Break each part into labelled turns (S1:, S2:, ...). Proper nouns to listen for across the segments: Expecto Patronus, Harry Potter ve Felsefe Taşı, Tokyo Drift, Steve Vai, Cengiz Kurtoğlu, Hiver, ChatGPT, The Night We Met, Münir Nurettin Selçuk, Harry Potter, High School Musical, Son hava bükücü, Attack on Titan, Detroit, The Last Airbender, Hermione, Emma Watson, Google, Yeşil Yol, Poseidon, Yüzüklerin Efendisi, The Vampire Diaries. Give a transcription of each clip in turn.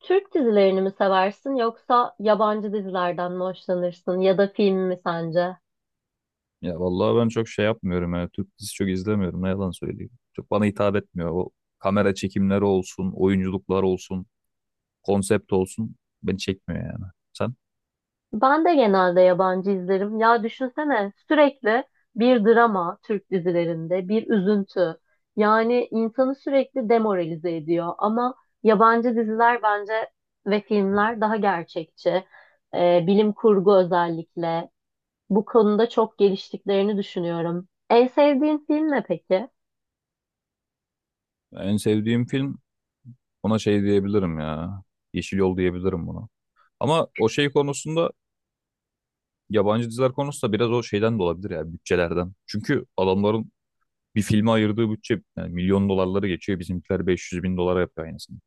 S1: Türk dizilerini mi seversin yoksa yabancı dizilerden mi hoşlanırsın ya da film mi sence?
S2: Ya vallahi ben çok şey yapmıyorum yani Türk dizisi çok izlemiyorum ne yalan söyleyeyim. Çok bana hitap etmiyor. O kamera çekimleri olsun, oyunculuklar olsun, konsept olsun beni çekmiyor yani. Sen?
S1: Ben de genelde yabancı izlerim. Ya düşünsene sürekli bir drama Türk dizilerinde, bir üzüntü. Yani insanı sürekli demoralize ediyor ama yabancı diziler bence ve filmler daha gerçekçi. Bilim kurgu özellikle bu konuda çok geliştiklerini düşünüyorum. En sevdiğin film ne peki?
S2: En sevdiğim film ona şey diyebilirim ya. Yeşil Yol diyebilirim buna. Ama o şey konusunda yabancı diziler konusunda biraz o şeyden de olabilir ya bütçelerden. Çünkü adamların bir filme ayırdığı bütçe yani milyon dolarları geçiyor. Bizimkiler 500.000 dolara yapıyor aynısını.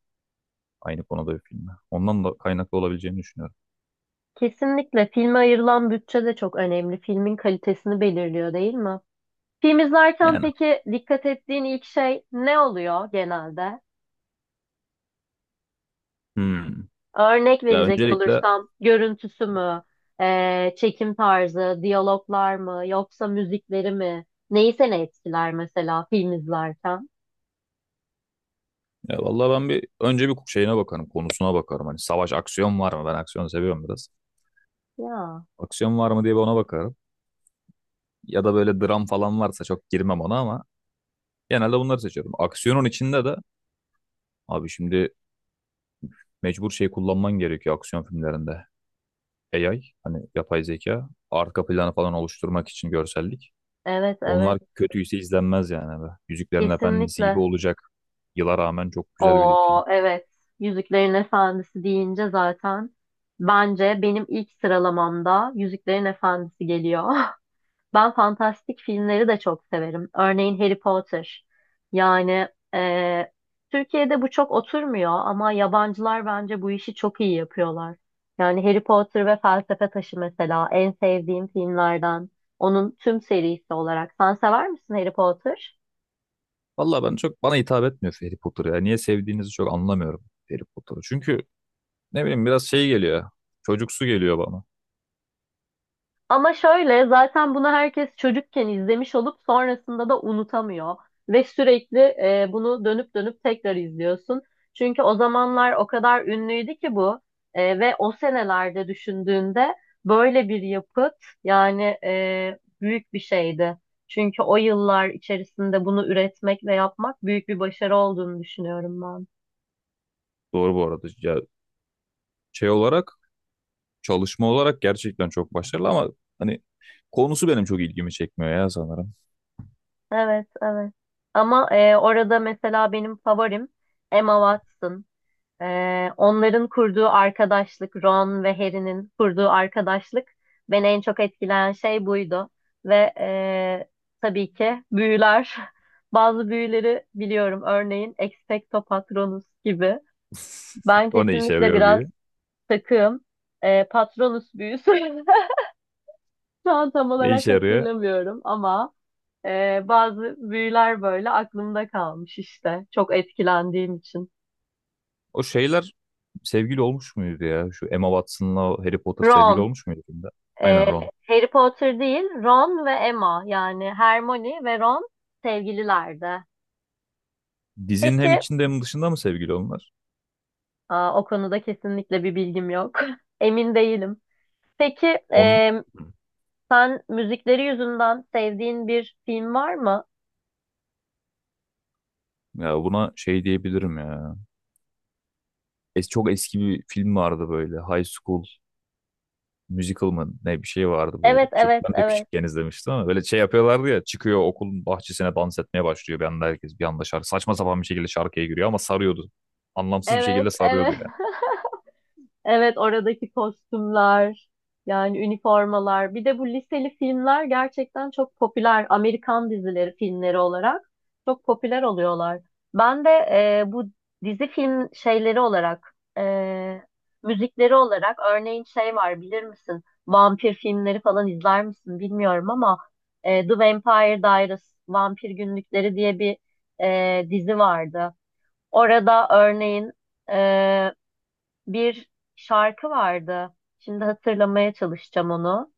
S2: Aynı konuda bir filme. Ondan da kaynaklı olabileceğini düşünüyorum.
S1: Kesinlikle filme ayrılan bütçe de çok önemli. Filmin kalitesini belirliyor değil mi? Film izlerken
S2: Yani.
S1: peki dikkat ettiğin ilk şey ne oluyor genelde?
S2: Hmm.
S1: Örnek
S2: Ya
S1: verecek
S2: öncelikle
S1: olursam görüntüsü mü, çekim tarzı, diyaloglar mı, yoksa müzikleri mi? Neyi seni etkiler mesela film izlerken?
S2: ya vallahi ben bir önce bir şeyine bakarım, konusuna bakarım. Hani savaş aksiyon var mı? Ben aksiyonu seviyorum biraz.
S1: Ya,
S2: Aksiyon var mı diye bir ona bakarım. Ya da böyle dram falan varsa çok girmem ona ama genelde bunları seçiyorum. Aksiyonun içinde de abi şimdi mecbur şey kullanman gerekiyor aksiyon filmlerinde. AI hani yapay zeka arka planı falan oluşturmak için görsellik.
S1: evet,
S2: Onlar
S1: evet,
S2: kötüyse izlenmez yani. Böyle Yüzüklerin Efendisi gibi
S1: kesinlikle.
S2: olacak. Yıla rağmen çok güzel bir film.
S1: O, evet. Yüzüklerin Efendisi deyince zaten bence benim ilk sıralamamda Yüzüklerin Efendisi geliyor. Ben fantastik filmleri de çok severim. Örneğin Harry Potter. Yani e, Türkiye'de bu çok oturmuyor ama yabancılar bence bu işi çok iyi yapıyorlar. Yani Harry Potter ve Felsefe Taşı mesela en sevdiğim filmlerden. Onun tüm serisi olarak. Sen sever misin Harry Potter?
S2: Vallahi ben çok bana hitap etmiyor Harry Potter ya. Niye sevdiğinizi çok anlamıyorum Harry Potter'ı. Çünkü ne bileyim biraz şey geliyor. Çocuksu geliyor bana.
S1: Ama şöyle zaten bunu herkes çocukken izlemiş olup sonrasında da unutamıyor. Ve sürekli bunu dönüp dönüp tekrar izliyorsun. Çünkü o zamanlar o kadar ünlüydü ki bu. Ve o senelerde düşündüğünde böyle bir yapıt yani büyük bir şeydi. Çünkü o yıllar içerisinde bunu üretmek ve yapmak büyük bir başarı olduğunu düşünüyorum ben.
S2: Doğru bu arada. Ya şey olarak çalışma olarak gerçekten çok başarılı ama hani konusu benim çok ilgimi çekmiyor ya sanırım.
S1: Evet, evet. Ama orada mesela benim favorim Emma Watson. Onların kurduğu arkadaşlık, Ron ve Harry'nin kurduğu arkadaşlık beni en çok etkileyen şey buydu. Ve tabii ki büyüler. Bazı büyüleri biliyorum. Örneğin Expecto Patronus gibi. Ben
S2: O ne işe
S1: kesinlikle
S2: yarıyor
S1: biraz
S2: bir?
S1: takığım. Patronus büyüsü. Şu an tam
S2: Ne
S1: olarak
S2: işe yarıyor?
S1: hatırlamıyorum ama bazı büyüler böyle aklımda kalmış işte. Çok etkilendiğim için.
S2: O şeyler sevgili olmuş muydu ya? Şu Emma Watson'la o Harry Potter sevgili
S1: Ron.
S2: olmuş muydu filmde? Aynen
S1: Ee,
S2: Ron.
S1: Harry Potter değil, Ron ve Emma yani Hermione ve Ron sevgililerdi.
S2: Dizinin hem
S1: Peki,
S2: içinde hem dışında mı sevgili onlar?
S1: aa, o konuda kesinlikle bir bilgim yok. Emin değilim. Peki,
S2: On
S1: sen müzikleri yüzünden sevdiğin bir film var mı?
S2: ya buna şey diyebilirim ya. Es çok eski bir film vardı böyle. High School Musical mı ne bir şey vardı böyle.
S1: Evet, evet,
S2: Ben de
S1: evet.
S2: küçükken izlemiştim ama böyle şey yapıyorlardı ya. Çıkıyor okulun bahçesine dans etmeye başlıyor. Bir anda herkes bir anda şarkı. Saçma sapan bir şekilde şarkıya giriyor ama sarıyordu. Anlamsız bir
S1: Evet,
S2: şekilde sarıyordu
S1: evet.
S2: yani.
S1: Evet oradaki kostümler yani üniformalar bir de bu liseli filmler gerçekten çok popüler Amerikan dizileri filmleri olarak çok popüler oluyorlar. Ben de bu dizi film şeyleri olarak müzikleri olarak örneğin şey var bilir misin? Vampir filmleri falan izler misin bilmiyorum ama The Vampire Diaries Vampir Günlükleri diye bir dizi vardı. Orada örneğin e, bir şarkı vardı. Şimdi hatırlamaya çalışacağım onu.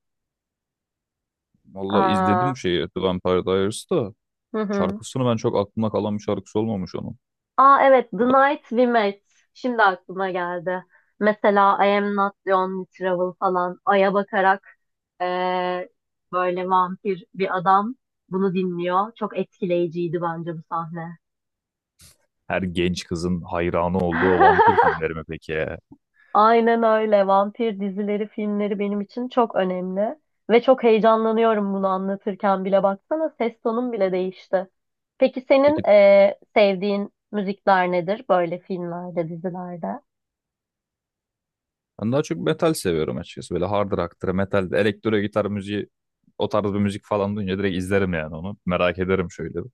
S2: Valla
S1: Aa,
S2: izledim şeyi The Vampire Diaries da.
S1: hı hı.
S2: Şarkısını ben çok aklımda kalan bir şarkısı olmamış onun.
S1: Aa, evet, The Night We Met. Şimdi aklıma geldi. Mesela I Am Not The Only Travel falan. Ay'a bakarak eee, böyle vampir bir adam bunu dinliyor. Çok etkileyiciydi bence bu sahne.
S2: Her genç kızın hayranı olduğu o vampir filmleri mi peki ya?
S1: Aynen öyle. Vampir dizileri, filmleri benim için çok önemli. Ve çok heyecanlanıyorum bunu anlatırken bile. Baksana ses tonum bile değişti. Peki senin
S2: Peki,
S1: sevdiğin müzikler nedir böyle filmlerde, dizilerde?
S2: ben daha çok metal seviyorum açıkçası. Böyle hard rock'tır, metal, elektro gitar müziği o tarz bir müzik falan duyunca direkt izlerim yani onu. Merak ederim şöyle. Bir.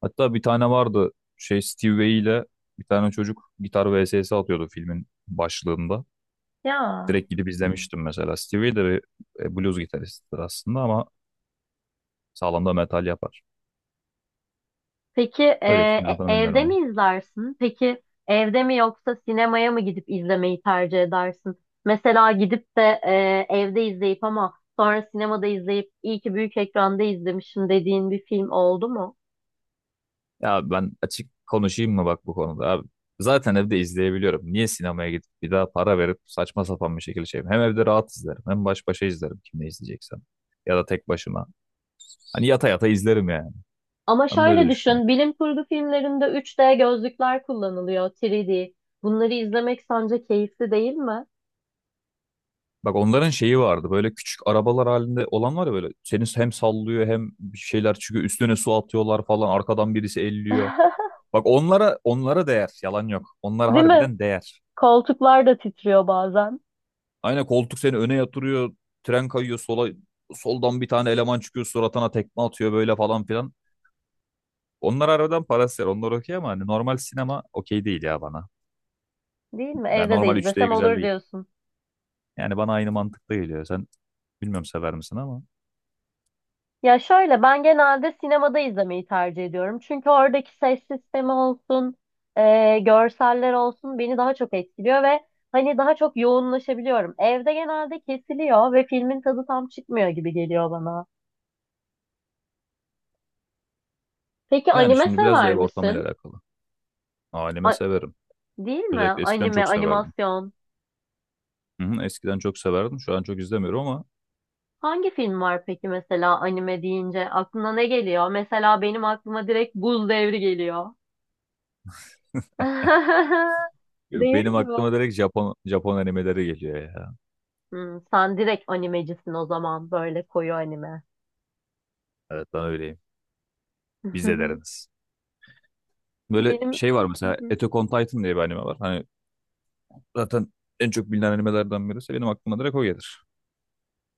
S2: Hatta bir tane vardı şey Steve Vai ile bir tane çocuk gitar vs atıyordu filmin başlığında.
S1: Ya.
S2: Direkt gidip izlemiştim mesela. Steve Vai de bir blues gitaristidir aslında ama sağlam da metal yapar.
S1: Peki
S2: Öyle filmin adını bilmiyorum
S1: evde mi
S2: ama.
S1: izlersin? Peki evde mi yoksa sinemaya mı gidip izlemeyi tercih edersin? Mesela gidip de evde izleyip ama sonra sinemada izleyip iyi ki büyük ekranda izlemişim dediğin bir film oldu mu?
S2: Ya ben açık konuşayım mı bak bu konuda abi. Zaten evde izleyebiliyorum. Niye sinemaya gidip bir daha para verip saçma sapan bir şekilde şeyim. Hem evde rahat izlerim hem baş başa izlerim kimle izleyeceksem. Ya da tek başıma. Hani yata yata izlerim yani.
S1: Ama
S2: Ben böyle
S1: şöyle
S2: düşünüyorum.
S1: düşün, bilim kurgu filmlerinde 3D gözlükler kullanılıyor, 3D. Bunları izlemek sence keyifli değil mi?
S2: Bak onların şeyi vardı böyle küçük arabalar halinde olan var ya böyle. Seni hem sallıyor hem bir şeyler çıkıyor üstüne su atıyorlar falan arkadan birisi elliyor. Bak onlara değer yalan yok. Onlara
S1: Değil mi?
S2: harbiden değer.
S1: Koltuklar da titriyor bazen.
S2: Aynen koltuk seni öne yatırıyor. Tren kayıyor sola. Soldan bir tane eleman çıkıyor suratına tekme atıyor böyle falan filan. Onlar aradan paralel. Onlar okey ama hani normal sinema okey değil ya bana.
S1: Değil mi?
S2: Yani
S1: Evde de
S2: normal 3D
S1: izlesem
S2: güzel
S1: olur
S2: değil.
S1: diyorsun.
S2: Yani bana aynı mantıkta geliyor. Sen bilmiyorum sever misin ama.
S1: Ya şöyle ben genelde sinemada izlemeyi tercih ediyorum. Çünkü oradaki ses sistemi olsun, görseller olsun beni daha çok etkiliyor ve hani daha çok yoğunlaşabiliyorum. Evde genelde kesiliyor ve filmin tadı tam çıkmıyor gibi geliyor bana. Peki
S2: Yani
S1: anime
S2: şimdi biraz da
S1: sever
S2: ev ortamıyla
S1: misin?
S2: alakalı. Aileme
S1: A-
S2: severim.
S1: Değil mi?
S2: Özellikle eskiden
S1: Anime,
S2: çok severdim.
S1: animasyon.
S2: Hı hı, eskiden çok severdim. Şu an çok izlemiyorum ama
S1: Hangi film var peki mesela anime deyince? Aklına ne geliyor? Mesela benim aklıma direkt Buz Devri geliyor. Değil
S2: benim
S1: mi?
S2: aklıma direkt Japon animeleri geliyor ya.
S1: Hmm, sen direkt animecisin o zaman böyle koyu anime.
S2: Evet ben öyleyim. Biz de deriniz. Böyle
S1: Benim.
S2: şey var
S1: Hı
S2: mesela
S1: hı.
S2: Attack on Titan diye bir anime var. Hani zaten en çok bilinen animelerden birisi. Benim aklıma direkt o gelir.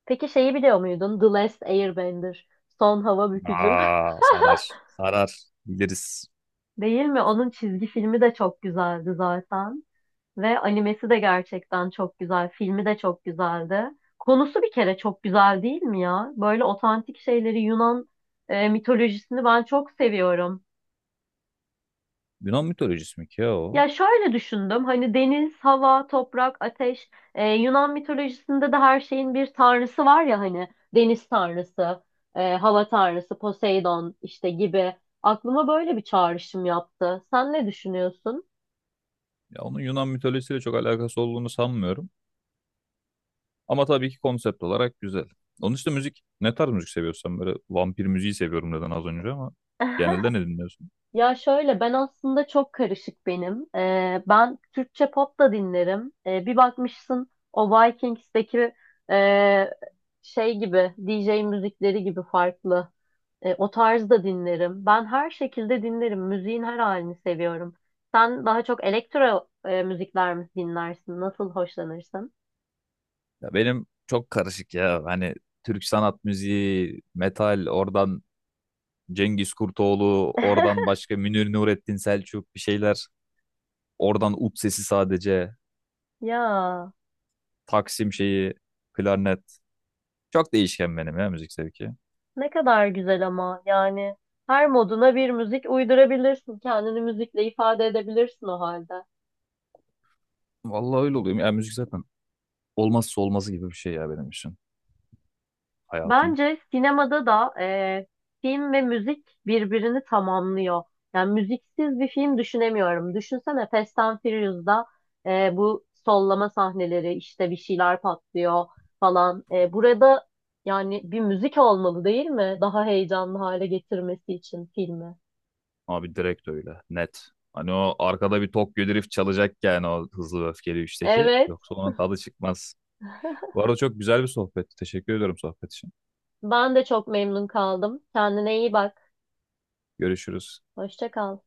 S1: Peki şeyi biliyor muydun? The Last Airbender. Son hava bükücü.
S2: Aa, sarar. Sarar. Biliriz.
S1: Değil mi? Onun çizgi filmi de çok güzeldi zaten. Ve animesi de gerçekten çok güzel. Filmi de çok güzeldi. Konusu bir kere çok güzel değil mi ya? Böyle otantik şeyleri Yunan mitolojisini ben çok seviyorum.
S2: Yunan mitolojisi mi ki ya o?
S1: Ya şöyle düşündüm. Hani deniz, hava, toprak, ateş. Yunan mitolojisinde de her şeyin bir tanrısı var ya hani. Deniz tanrısı, hava tanrısı, Poseidon işte gibi. Aklıma böyle bir çağrışım yaptı. Sen ne düşünüyorsun?
S2: Ya onun Yunan mitolojisiyle çok alakası olduğunu sanmıyorum. Ama tabii ki konsept olarak güzel. Onun işte müzik, ne tarz müzik seviyorsan böyle vampir müziği seviyorum dedin az önce ama genelde ne dinliyorsun?
S1: Ya şöyle ben aslında çok karışık benim. Ben Türkçe pop da dinlerim. Bir bakmışsın o Vikings'teki e, şey gibi DJ müzikleri gibi farklı. O tarz da dinlerim. Ben her şekilde dinlerim. Müziğin her halini seviyorum. Sen daha çok elektro müzikler mi dinlersin? Nasıl hoşlanırsın?
S2: Ya benim çok karışık ya. Hani Türk sanat müziği, metal, oradan Cengiz Kurtoğlu, oradan başka Münir Nurettin Selçuk bir şeyler. Oradan ut sesi sadece.
S1: Ya
S2: Taksim şeyi, klarnet. Çok değişken benim ya müzik zevki.
S1: ne kadar güzel ama yani her moduna bir müzik uydurabilirsin. Kendini müzikle ifade edebilirsin o halde.
S2: Vallahi öyle oluyor. Yani müzik zaten olmazsa olmazı gibi bir şey ya benim için. Hayatım.
S1: Bence sinemada da film ve müzik birbirini tamamlıyor. Yani müziksiz bir film düşünemiyorum. Düşünsene Fast and Furious'da bu sollama sahneleri işte bir şeyler patlıyor falan. Burada yani bir müzik olmalı değil mi? Daha heyecanlı hale getirmesi için filmi.
S2: Abi direkt öyle. Net. Hani o arkada bir Tokyo Drift çalacak yani o hızlı ve öfkeli üçteki.
S1: Evet,
S2: Yoksa onun tadı çıkmaz. Bu arada çok güzel bir sohbetti. Teşekkür ediyorum sohbet için.
S1: ben de çok memnun kaldım. Kendine iyi bak.
S2: Görüşürüz.
S1: Hoşça kal.